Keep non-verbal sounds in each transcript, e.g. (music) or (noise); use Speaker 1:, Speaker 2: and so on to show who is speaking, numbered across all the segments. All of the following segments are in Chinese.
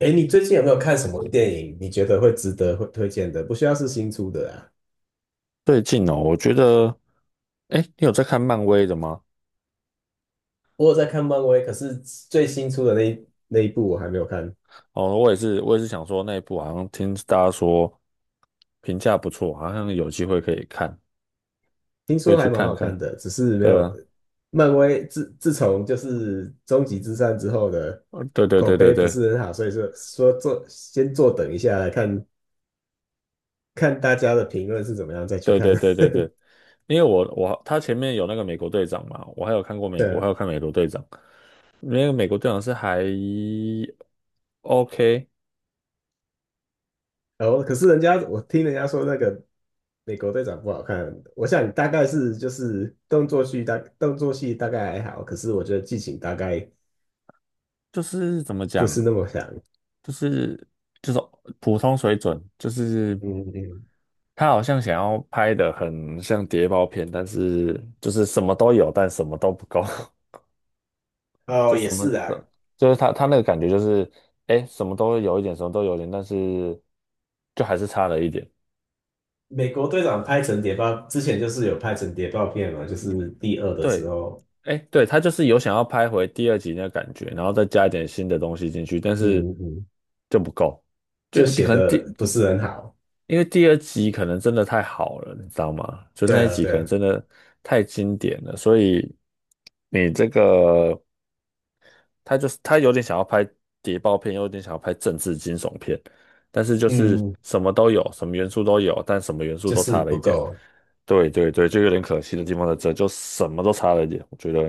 Speaker 1: 哎，你最近有没有看什么电影？你觉得会值得会推荐的？不需要是新出的啊。
Speaker 2: 最近哦，我觉得，哎，你有在看漫威的吗？
Speaker 1: 我有在看漫威，可是最新出的那一部我还没有看，
Speaker 2: 哦，我也是，想说那一部好像听大家说评价不错，好像有机会可以看，
Speaker 1: 听说
Speaker 2: 会去
Speaker 1: 还蛮
Speaker 2: 看
Speaker 1: 好看
Speaker 2: 看。
Speaker 1: 的，只是没
Speaker 2: 对
Speaker 1: 有。
Speaker 2: 啊，
Speaker 1: 漫威自从就是终极之战之后的
Speaker 2: 对对
Speaker 1: 口
Speaker 2: 对对
Speaker 1: 碑不
Speaker 2: 对
Speaker 1: 是很好，所以说先坐等一下来看看大家的评论是怎么样，再去
Speaker 2: 对
Speaker 1: 看。
Speaker 2: 对对对对，因为他前面有那个美国队长嘛，我还有
Speaker 1: (laughs)
Speaker 2: 看美国队长，那个美国队长是还 OK，
Speaker 1: 哦，可是我听人家说那个美国队长不好看，我想大概是就是动作戏大概还好，可是我觉得剧情大概
Speaker 2: 就是怎么
Speaker 1: 不
Speaker 2: 讲，
Speaker 1: 是那么想。
Speaker 2: 就是就是普通水准，就是
Speaker 1: 嗯嗯。
Speaker 2: 他好像想要拍的很像谍报片，但是就是什么都有，但什么都不够。(laughs)
Speaker 1: 哦，
Speaker 2: 就
Speaker 1: 也
Speaker 2: 什么
Speaker 1: 是啊，
Speaker 2: 就是他那个感觉就是，哎，什么都有一点，什么都有一点，但是就还是差了一点。
Speaker 1: 美国队长拍成谍报，之前就是有拍成谍报片嘛，就是第二的时
Speaker 2: 对，
Speaker 1: 候，
Speaker 2: 哎，对，他就是有想要拍回第二集那个感觉，然后再加一点新的东西进去，但是
Speaker 1: 嗯嗯嗯，
Speaker 2: 就不够。就
Speaker 1: 就写
Speaker 2: 可能第
Speaker 1: 的不是很好。
Speaker 2: 因为第二集可能真的太好了，你知道吗？就
Speaker 1: 对
Speaker 2: 那一
Speaker 1: 啊，
Speaker 2: 集可
Speaker 1: 对
Speaker 2: 能
Speaker 1: 啊，
Speaker 2: 真的太经典了，所以你这个他就是他有点想要拍谍报片，又有点想要拍政治惊悚片，但是就是
Speaker 1: 嗯，
Speaker 2: 什么都有，什么元素都有，但什么元素
Speaker 1: 就
Speaker 2: 都
Speaker 1: 是
Speaker 2: 差了
Speaker 1: 不
Speaker 2: 一点。
Speaker 1: 够。
Speaker 2: 对对对，就有点可惜的地方在这，就什么都差了一点，我觉得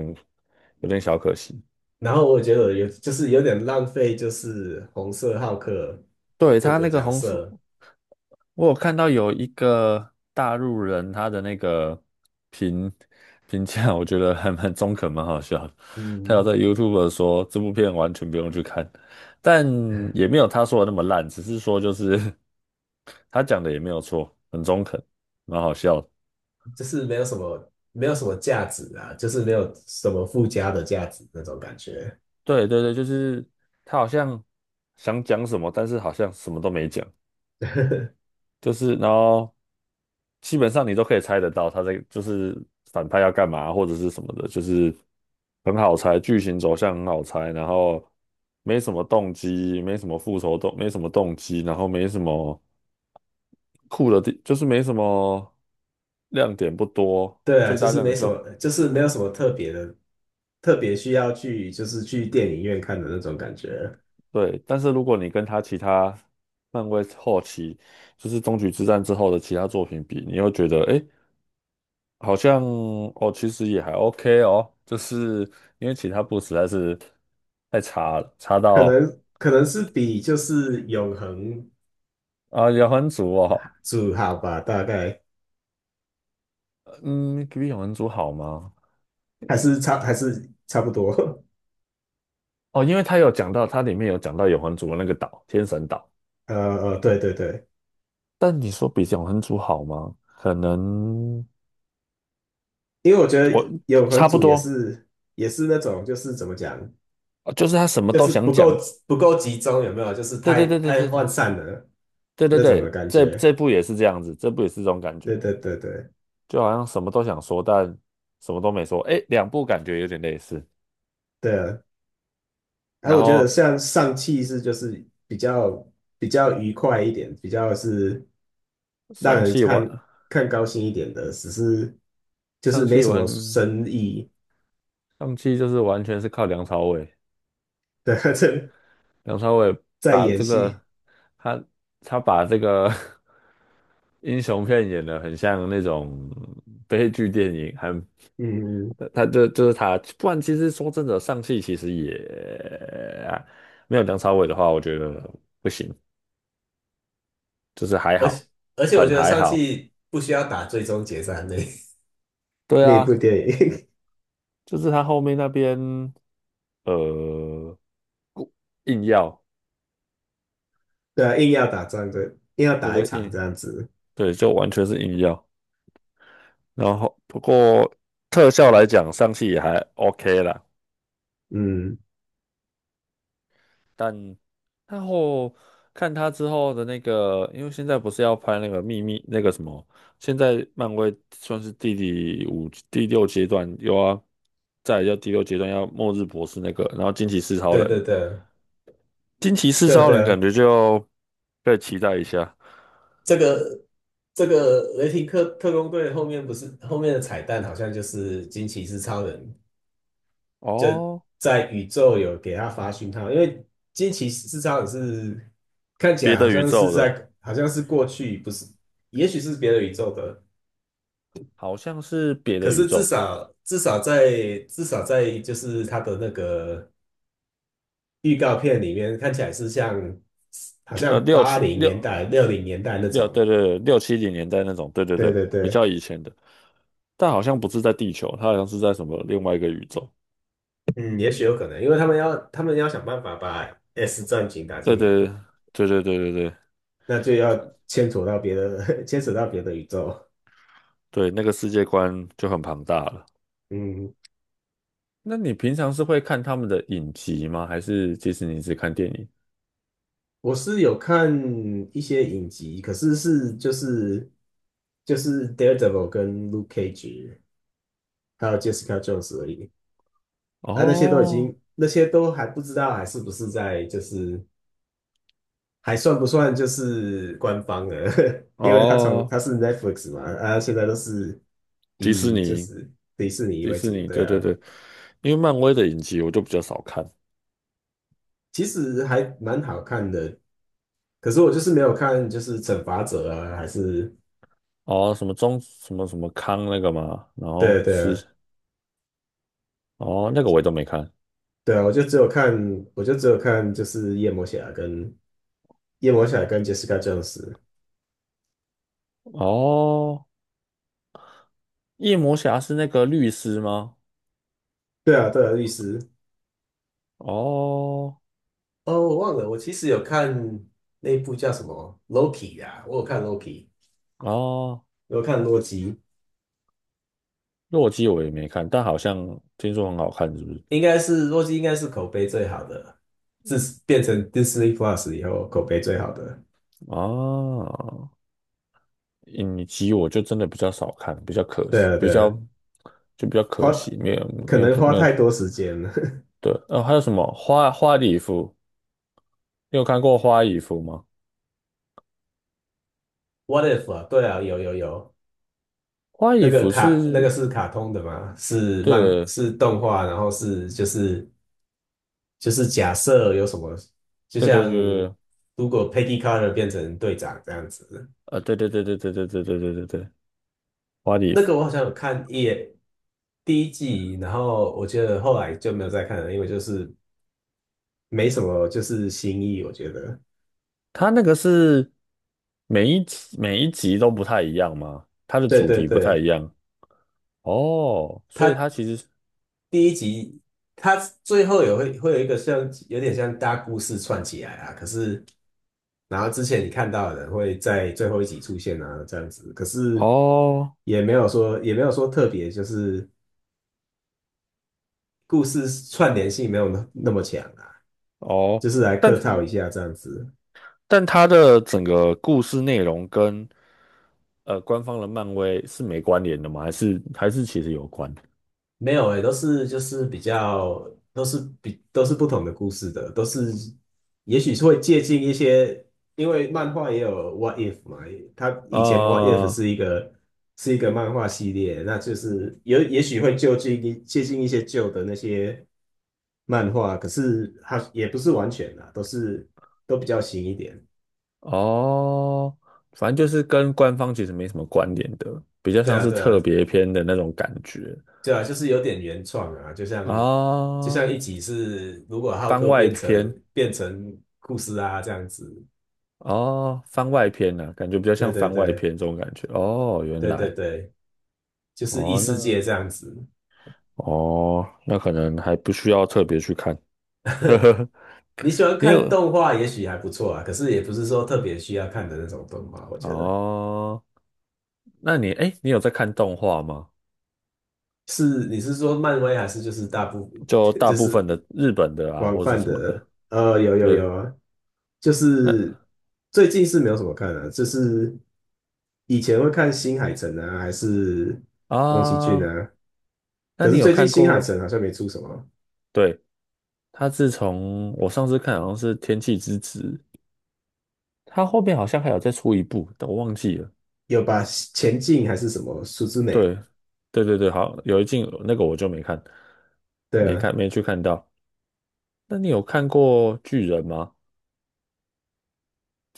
Speaker 2: 有点小可惜。
Speaker 1: 然后我觉得就是有点浪费，就是红色浩克
Speaker 2: 对，
Speaker 1: 这
Speaker 2: 他
Speaker 1: 个
Speaker 2: 那个
Speaker 1: 角
Speaker 2: 红色。
Speaker 1: 色。
Speaker 2: 我有看到有一个大陆人，他的那个评评价，我觉得还蛮中肯，蛮好笑的。他有
Speaker 1: 嗯，
Speaker 2: 在 YouTube 说这部片完全不用去看，但也没有他说的那么烂，只是说就是 (laughs) 他讲的也没有错，很中肯，蛮好笑的。
Speaker 1: 就是没有什么价值啊，就是没有什么附加的价值那种感觉。
Speaker 2: 对对对，就是他好像想讲什么，但是好像什么都没讲。
Speaker 1: (laughs)
Speaker 2: 就是然后基本上你都可以猜得到他在就是反派要干嘛或者是什么的，就是很好猜，剧情走向很好猜，然后没什么动机，没什么复仇动，没什么动机，然后没什么酷的地，就是没什么亮点不多，
Speaker 1: 对啊，
Speaker 2: 最
Speaker 1: 就
Speaker 2: 大
Speaker 1: 是
Speaker 2: 亮
Speaker 1: 没
Speaker 2: 点
Speaker 1: 什
Speaker 2: 就
Speaker 1: 么，就是没有什么特别的，特别需要就是去电影院看的那种感觉，
Speaker 2: 对。但是如果你跟他其他漫威后期就是终局之战之后的其他作品比，你又觉得诶好像哦，其实也还 OK 哦，就是因为其他部实在是太差了，差
Speaker 1: 可
Speaker 2: 到
Speaker 1: 能可能是比就是永恒
Speaker 2: 啊，永恒族哦，
Speaker 1: 主好吧，大概
Speaker 2: 嗯，比永恒族好吗？
Speaker 1: 还是差不多。(laughs)
Speaker 2: 哦，因为他有讲到，它里面有讲到永恒族的那个岛，天神岛，
Speaker 1: 呃对对对，
Speaker 2: 但你说比永恒族好吗？可能
Speaker 1: 因为我觉
Speaker 2: 我
Speaker 1: 得永恒
Speaker 2: 差不
Speaker 1: 主
Speaker 2: 多。
Speaker 1: 也是那种就是怎么讲。
Speaker 2: 哦就是他什么
Speaker 1: 就
Speaker 2: 都
Speaker 1: 是
Speaker 2: 想讲，
Speaker 1: 不够集中，有没有？就是
Speaker 2: 对
Speaker 1: 太
Speaker 2: 对对对
Speaker 1: 太
Speaker 2: 对对
Speaker 1: 涣散了
Speaker 2: 对对
Speaker 1: 那种的
Speaker 2: 对，
Speaker 1: 感
Speaker 2: 这
Speaker 1: 觉。
Speaker 2: 这部也是这样子，这部也是这种感觉，
Speaker 1: 对对对对
Speaker 2: 就好像什么都想说，但什么都没说，哎，两部感觉有点类似。
Speaker 1: 对啊！哎，
Speaker 2: 然
Speaker 1: 我觉得
Speaker 2: 后
Speaker 1: 像上汽是就是比较愉快一点，比较是让
Speaker 2: 上
Speaker 1: 人
Speaker 2: 汽完
Speaker 1: 看高兴一点的，只是就是
Speaker 2: 上
Speaker 1: 没
Speaker 2: 汽
Speaker 1: 什么
Speaker 2: 完
Speaker 1: 深意
Speaker 2: 上汽就是完全是靠梁朝伟，
Speaker 1: 对，(laughs)
Speaker 2: 梁朝伟
Speaker 1: 在
Speaker 2: 把
Speaker 1: 演
Speaker 2: 这
Speaker 1: 戏。
Speaker 2: 个他他把这个 (laughs) 英雄片演的很像那种悲剧电影，很
Speaker 1: 嗯，
Speaker 2: 他就就是他，不然其实说真的，上汽其实也没有梁朝伟的话，我觉得不行，就是还
Speaker 1: 而且
Speaker 2: 好，
Speaker 1: 而且我
Speaker 2: 很
Speaker 1: 觉得
Speaker 2: 还
Speaker 1: 上
Speaker 2: 好。
Speaker 1: 汽不需要打最终决战
Speaker 2: 对
Speaker 1: 那一部
Speaker 2: 啊，
Speaker 1: 电影，
Speaker 2: 就是他后面那边呃硬要，
Speaker 1: (laughs) 对啊，硬要打仗，对，硬要
Speaker 2: 对不
Speaker 1: 打一
Speaker 2: 对？
Speaker 1: 场这样子。
Speaker 2: 对，就完全是硬要。然后不过特效来讲，上汽也还 OK 啦，
Speaker 1: 嗯。
Speaker 2: 但然后看他之后的那个，因为现在不是要拍那个秘密那个什么，现在漫威算是第五第六阶段有啊，又要再来就第六阶段要末日博士那个，然后惊奇四超
Speaker 1: 对
Speaker 2: 人，
Speaker 1: 对对，
Speaker 2: 惊奇四
Speaker 1: 对
Speaker 2: 超人
Speaker 1: 对，
Speaker 2: 感觉就可以期待一下。
Speaker 1: 这个这个雷霆特工队后面不是后面的彩蛋，好像就是惊奇四超人就
Speaker 2: 哦，
Speaker 1: 在宇宙有给他发讯号，因为惊奇四超人是看起
Speaker 2: 别
Speaker 1: 来好
Speaker 2: 的宇
Speaker 1: 像是
Speaker 2: 宙的，
Speaker 1: 在好像是过去，不是，也许是别的宇宙的，
Speaker 2: 好像是别
Speaker 1: 可
Speaker 2: 的宇
Speaker 1: 是
Speaker 2: 宙。
Speaker 1: 至少在就是他的那个预告片里面看起来是像好
Speaker 2: 就
Speaker 1: 像
Speaker 2: 六
Speaker 1: 八
Speaker 2: 七
Speaker 1: 零年
Speaker 2: 六
Speaker 1: 代60年代那
Speaker 2: 六
Speaker 1: 种，
Speaker 2: 对对对，六七零年代那种，对对
Speaker 1: 对
Speaker 2: 对，
Speaker 1: 对
Speaker 2: 比
Speaker 1: 对。
Speaker 2: 较以前的，但好像不是在地球，它好像是在什么另外一个宇宙。
Speaker 1: 嗯，也许有可能，因为他们要想办法把 S 战警打
Speaker 2: 对
Speaker 1: 进来
Speaker 2: 对
Speaker 1: 嘛，
Speaker 2: 对对对对对
Speaker 1: 那就要牵扯到别的 (laughs) 牵扯到别的宇宙。
Speaker 2: 对，那个世界观就很庞大了。
Speaker 1: 嗯，
Speaker 2: 那你平常是会看他们的影集吗？还是迪士尼只看电影？
Speaker 1: 我是有看一些影集，可是就是 Daredevil 跟 Luke Cage 还有 Jessica Jones 而已啊，
Speaker 2: 哦
Speaker 1: 那些都还不知道还是不是在就是还算不算就是官方的？(laughs) 因为
Speaker 2: 哦，
Speaker 1: 它是 Netflix 嘛，啊，现在都是
Speaker 2: 迪士
Speaker 1: 以就
Speaker 2: 尼，
Speaker 1: 是迪士尼
Speaker 2: 迪
Speaker 1: 为
Speaker 2: 士
Speaker 1: 主，
Speaker 2: 尼，
Speaker 1: 对
Speaker 2: 对对
Speaker 1: 啊，
Speaker 2: 对，因为漫威的影集我就比较少看。
Speaker 1: 其实还蛮好看的。可是我就是没有看，就是惩罚者啊，还是
Speaker 2: 哦，什么中什么什么康那个嘛，然
Speaker 1: 对
Speaker 2: 后
Speaker 1: 啊对啊
Speaker 2: 是哦那个我也都没看。
Speaker 1: 对啊，我就只有看就是夜魔侠跟 Jessica Jones，
Speaker 2: 哦，夜魔侠是那个律师吗？
Speaker 1: 对啊对啊，律师。
Speaker 2: 哦
Speaker 1: 哦，我忘了，我其实有看那一部叫什么《Loki》啊，我有看《Loki》，
Speaker 2: 哦，
Speaker 1: 我有看《洛基》。
Speaker 2: 洛基我也没看，但好像听说很好看，是不是？
Speaker 1: 应该是洛基，应该是口碑最好的，自变成 Disney Plus 以后口碑最好的。
Speaker 2: 啊，影集我就真的比较少看，比较可
Speaker 1: 对
Speaker 2: 惜，
Speaker 1: 啊，
Speaker 2: 比
Speaker 1: 对
Speaker 2: 较
Speaker 1: 啊，
Speaker 2: 就比较
Speaker 1: 花
Speaker 2: 可惜，没有
Speaker 1: 可
Speaker 2: 没有
Speaker 1: 能花
Speaker 2: 没有。
Speaker 1: 太多时间了。
Speaker 2: 对，哦，还有什么花礼服？你有看过花礼服吗？
Speaker 1: (laughs) What if 啊？对啊，有有有，
Speaker 2: 花
Speaker 1: 那
Speaker 2: 里
Speaker 1: 个
Speaker 2: 服
Speaker 1: 卡那个
Speaker 2: 是，
Speaker 1: 是卡通的嘛？
Speaker 2: 对
Speaker 1: 是动画，然后就是假设有什么，就
Speaker 2: 对对对
Speaker 1: 像
Speaker 2: 对，
Speaker 1: 如果 Peggy Carter 变成队长这样子，
Speaker 2: 对对对对对对对对对对对，花礼
Speaker 1: 那
Speaker 2: 服。
Speaker 1: 个我好像有看一眼第一季，然后我觉得后来就没有再看了，因为就是没什么就是新意，我觉得。
Speaker 2: 它那个是每一集每一集都不太一样吗？它的
Speaker 1: 对
Speaker 2: 主
Speaker 1: 对
Speaker 2: 题不太
Speaker 1: 对，
Speaker 2: 一样哦，所以
Speaker 1: 他
Speaker 2: 它其实是
Speaker 1: 第一集，他最后也会有一个有点像大故事串起来啊，可是然后之前你看到的人会在最后一集出现啊，这样子，可是
Speaker 2: 哦
Speaker 1: 也没有说特别，就是故事串联性没有那么强啊，
Speaker 2: 哦，
Speaker 1: 就是来
Speaker 2: 但
Speaker 1: 客
Speaker 2: 它
Speaker 1: 套一下这样子。
Speaker 2: 但它的整个故事内容跟官方的漫威是没关联的吗？还是其实有关？
Speaker 1: 没有诶，都是就是比较都是不同的故事的，都是也许是会借鉴一些，因为漫画也有 What If 嘛，它以前 What If
Speaker 2: 啊？
Speaker 1: 是一个漫画系列，那就是有也许会就近一接近一些旧的那些漫画，可是它也不是完全啊，都比较新一点。
Speaker 2: 哦，反正就是跟官方其实没什么关联的，比较
Speaker 1: 对
Speaker 2: 像
Speaker 1: 啊，
Speaker 2: 是
Speaker 1: 对
Speaker 2: 特
Speaker 1: 啊，
Speaker 2: 别篇的那种感觉
Speaker 1: 对啊，就是有点原创啊，就像
Speaker 2: 啊，
Speaker 1: 一集是如果浩
Speaker 2: 番
Speaker 1: 克
Speaker 2: 外篇。
Speaker 1: 变成库斯啊这样子，
Speaker 2: 哦，番外篇呢、感觉比较
Speaker 1: 对
Speaker 2: 像
Speaker 1: 对
Speaker 2: 番外
Speaker 1: 对
Speaker 2: 篇这种感觉。哦，原
Speaker 1: 对对
Speaker 2: 来，
Speaker 1: 对，就是异
Speaker 2: 哦，
Speaker 1: 世
Speaker 2: 那
Speaker 1: 界这样子。
Speaker 2: 哦，那可能还不需要特别去看。
Speaker 1: 你喜欢
Speaker 2: 你
Speaker 1: 看
Speaker 2: 有
Speaker 1: 动画，也许还不错啊，可是也不是说特别需要看的那种动画，我觉得
Speaker 2: 哦？那你哎，你有在看动画吗？
Speaker 1: 是你是说漫威还是就是大部
Speaker 2: 就
Speaker 1: (laughs)
Speaker 2: 大
Speaker 1: 就
Speaker 2: 部
Speaker 1: 是
Speaker 2: 分的日本的啊，
Speaker 1: 广
Speaker 2: 或者
Speaker 1: 泛
Speaker 2: 什么的。
Speaker 1: 的，有有
Speaker 2: 对，
Speaker 1: 有啊，就
Speaker 2: 那
Speaker 1: 是最近是没有什么看的、就是以前会看新海诚啊，还是宫崎骏
Speaker 2: 啊，
Speaker 1: 啊，
Speaker 2: 那
Speaker 1: 可
Speaker 2: 你
Speaker 1: 是
Speaker 2: 有
Speaker 1: 最近
Speaker 2: 看
Speaker 1: 新海
Speaker 2: 过？
Speaker 1: 诚好像没出什么，
Speaker 2: 对，他自从我上次看好像是《天气之子》，他后面好像还有再出一部，但我忘记了。
Speaker 1: 有把前进还是什么数之美，
Speaker 2: 对，对对对，好，有一进那个我就没看，
Speaker 1: 对啊，
Speaker 2: 没去看到。那你有看过巨人吗？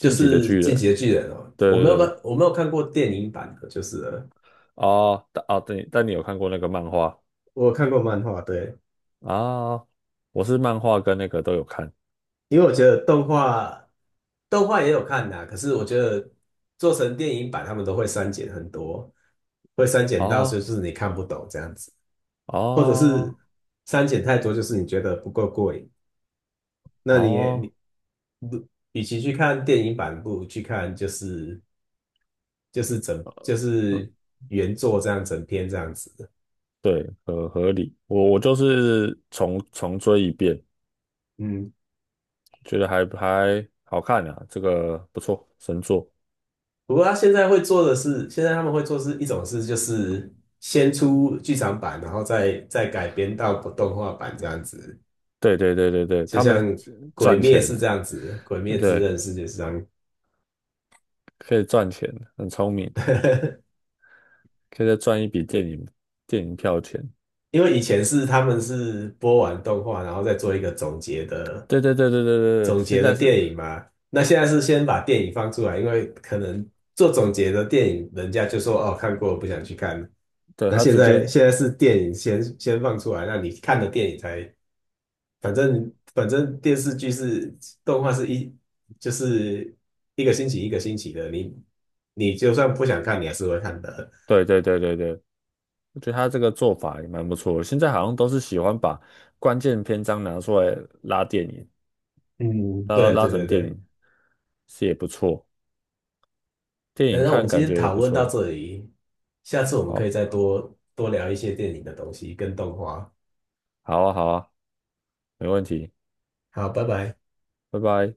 Speaker 1: 就
Speaker 2: 击的
Speaker 1: 是
Speaker 2: 巨
Speaker 1: 《进击
Speaker 2: 人，
Speaker 1: 的巨人》哦，
Speaker 2: 对
Speaker 1: 我没有
Speaker 2: 对
Speaker 1: 看，
Speaker 2: 对，
Speaker 1: 我没有看过电影版的，就是了
Speaker 2: 哦，哦，对，但你有看过那个漫画
Speaker 1: 我有看过漫画，对，
Speaker 2: 啊？我是漫画跟那个都有看，
Speaker 1: 因为我觉得动画也有看呐、可是我觉得做成电影版，他们都会删减很多，会删减到就
Speaker 2: 哦
Speaker 1: 是你看不懂这样子，或者是
Speaker 2: 哦
Speaker 1: 删减太多，就是你觉得不够过瘾。那你也
Speaker 2: 哦，
Speaker 1: 你不，与其去看电影版，不如去看就是就是整就
Speaker 2: 嗯，
Speaker 1: 是原作这样整篇这样子。
Speaker 2: 对，合理。我就是重追一遍，
Speaker 1: 嗯，
Speaker 2: 觉得还好看啊，这个不错，神作。
Speaker 1: 不过他现在会做的是，现在他们会做是一种事，就是先出剧场版，然后再改编到动画版这样子，
Speaker 2: 对对对对对，
Speaker 1: 就
Speaker 2: 他
Speaker 1: 像
Speaker 2: 们
Speaker 1: 《鬼
Speaker 2: 赚
Speaker 1: 灭》
Speaker 2: 钱，
Speaker 1: 是这样子，《鬼灭之
Speaker 2: 对。
Speaker 1: 刃》是就是这样，
Speaker 2: 可以赚钱，很聪明，可以再赚一笔电影票钱。
Speaker 1: 因为以前是他们是播完动画，然后再做一个
Speaker 2: 对对对对对对对，
Speaker 1: 总
Speaker 2: 现
Speaker 1: 结的
Speaker 2: 在
Speaker 1: 电
Speaker 2: 是，
Speaker 1: 影嘛。那现在是先把电影放出来，因为可能做总结的电影，人家就说哦看过不想去看。
Speaker 2: 对，
Speaker 1: 那
Speaker 2: 他
Speaker 1: 现
Speaker 2: 直接，
Speaker 1: 在是电影先放出来，那你看的电影才，反正电视剧是动画是一就是一个星期一个星期的，你就算不想看，你还是会看的。
Speaker 2: 对对对对对，我觉得他这个做法也蛮不错的。现在好像都是喜欢把关键篇章拿出来拉电影，
Speaker 1: 嗯，
Speaker 2: 拉
Speaker 1: 对
Speaker 2: 拉
Speaker 1: 对对
Speaker 2: 成电
Speaker 1: 对，
Speaker 2: 影，是也不错，电影
Speaker 1: 那我们
Speaker 2: 看
Speaker 1: 今
Speaker 2: 感
Speaker 1: 天
Speaker 2: 觉也
Speaker 1: 讨
Speaker 2: 不
Speaker 1: 论到
Speaker 2: 错。
Speaker 1: 这里，下次我们
Speaker 2: 哦，
Speaker 1: 可以再多多聊一些电影的东西跟动画。
Speaker 2: 好啊好啊，没问题，
Speaker 1: 好，拜拜。
Speaker 2: 拜拜。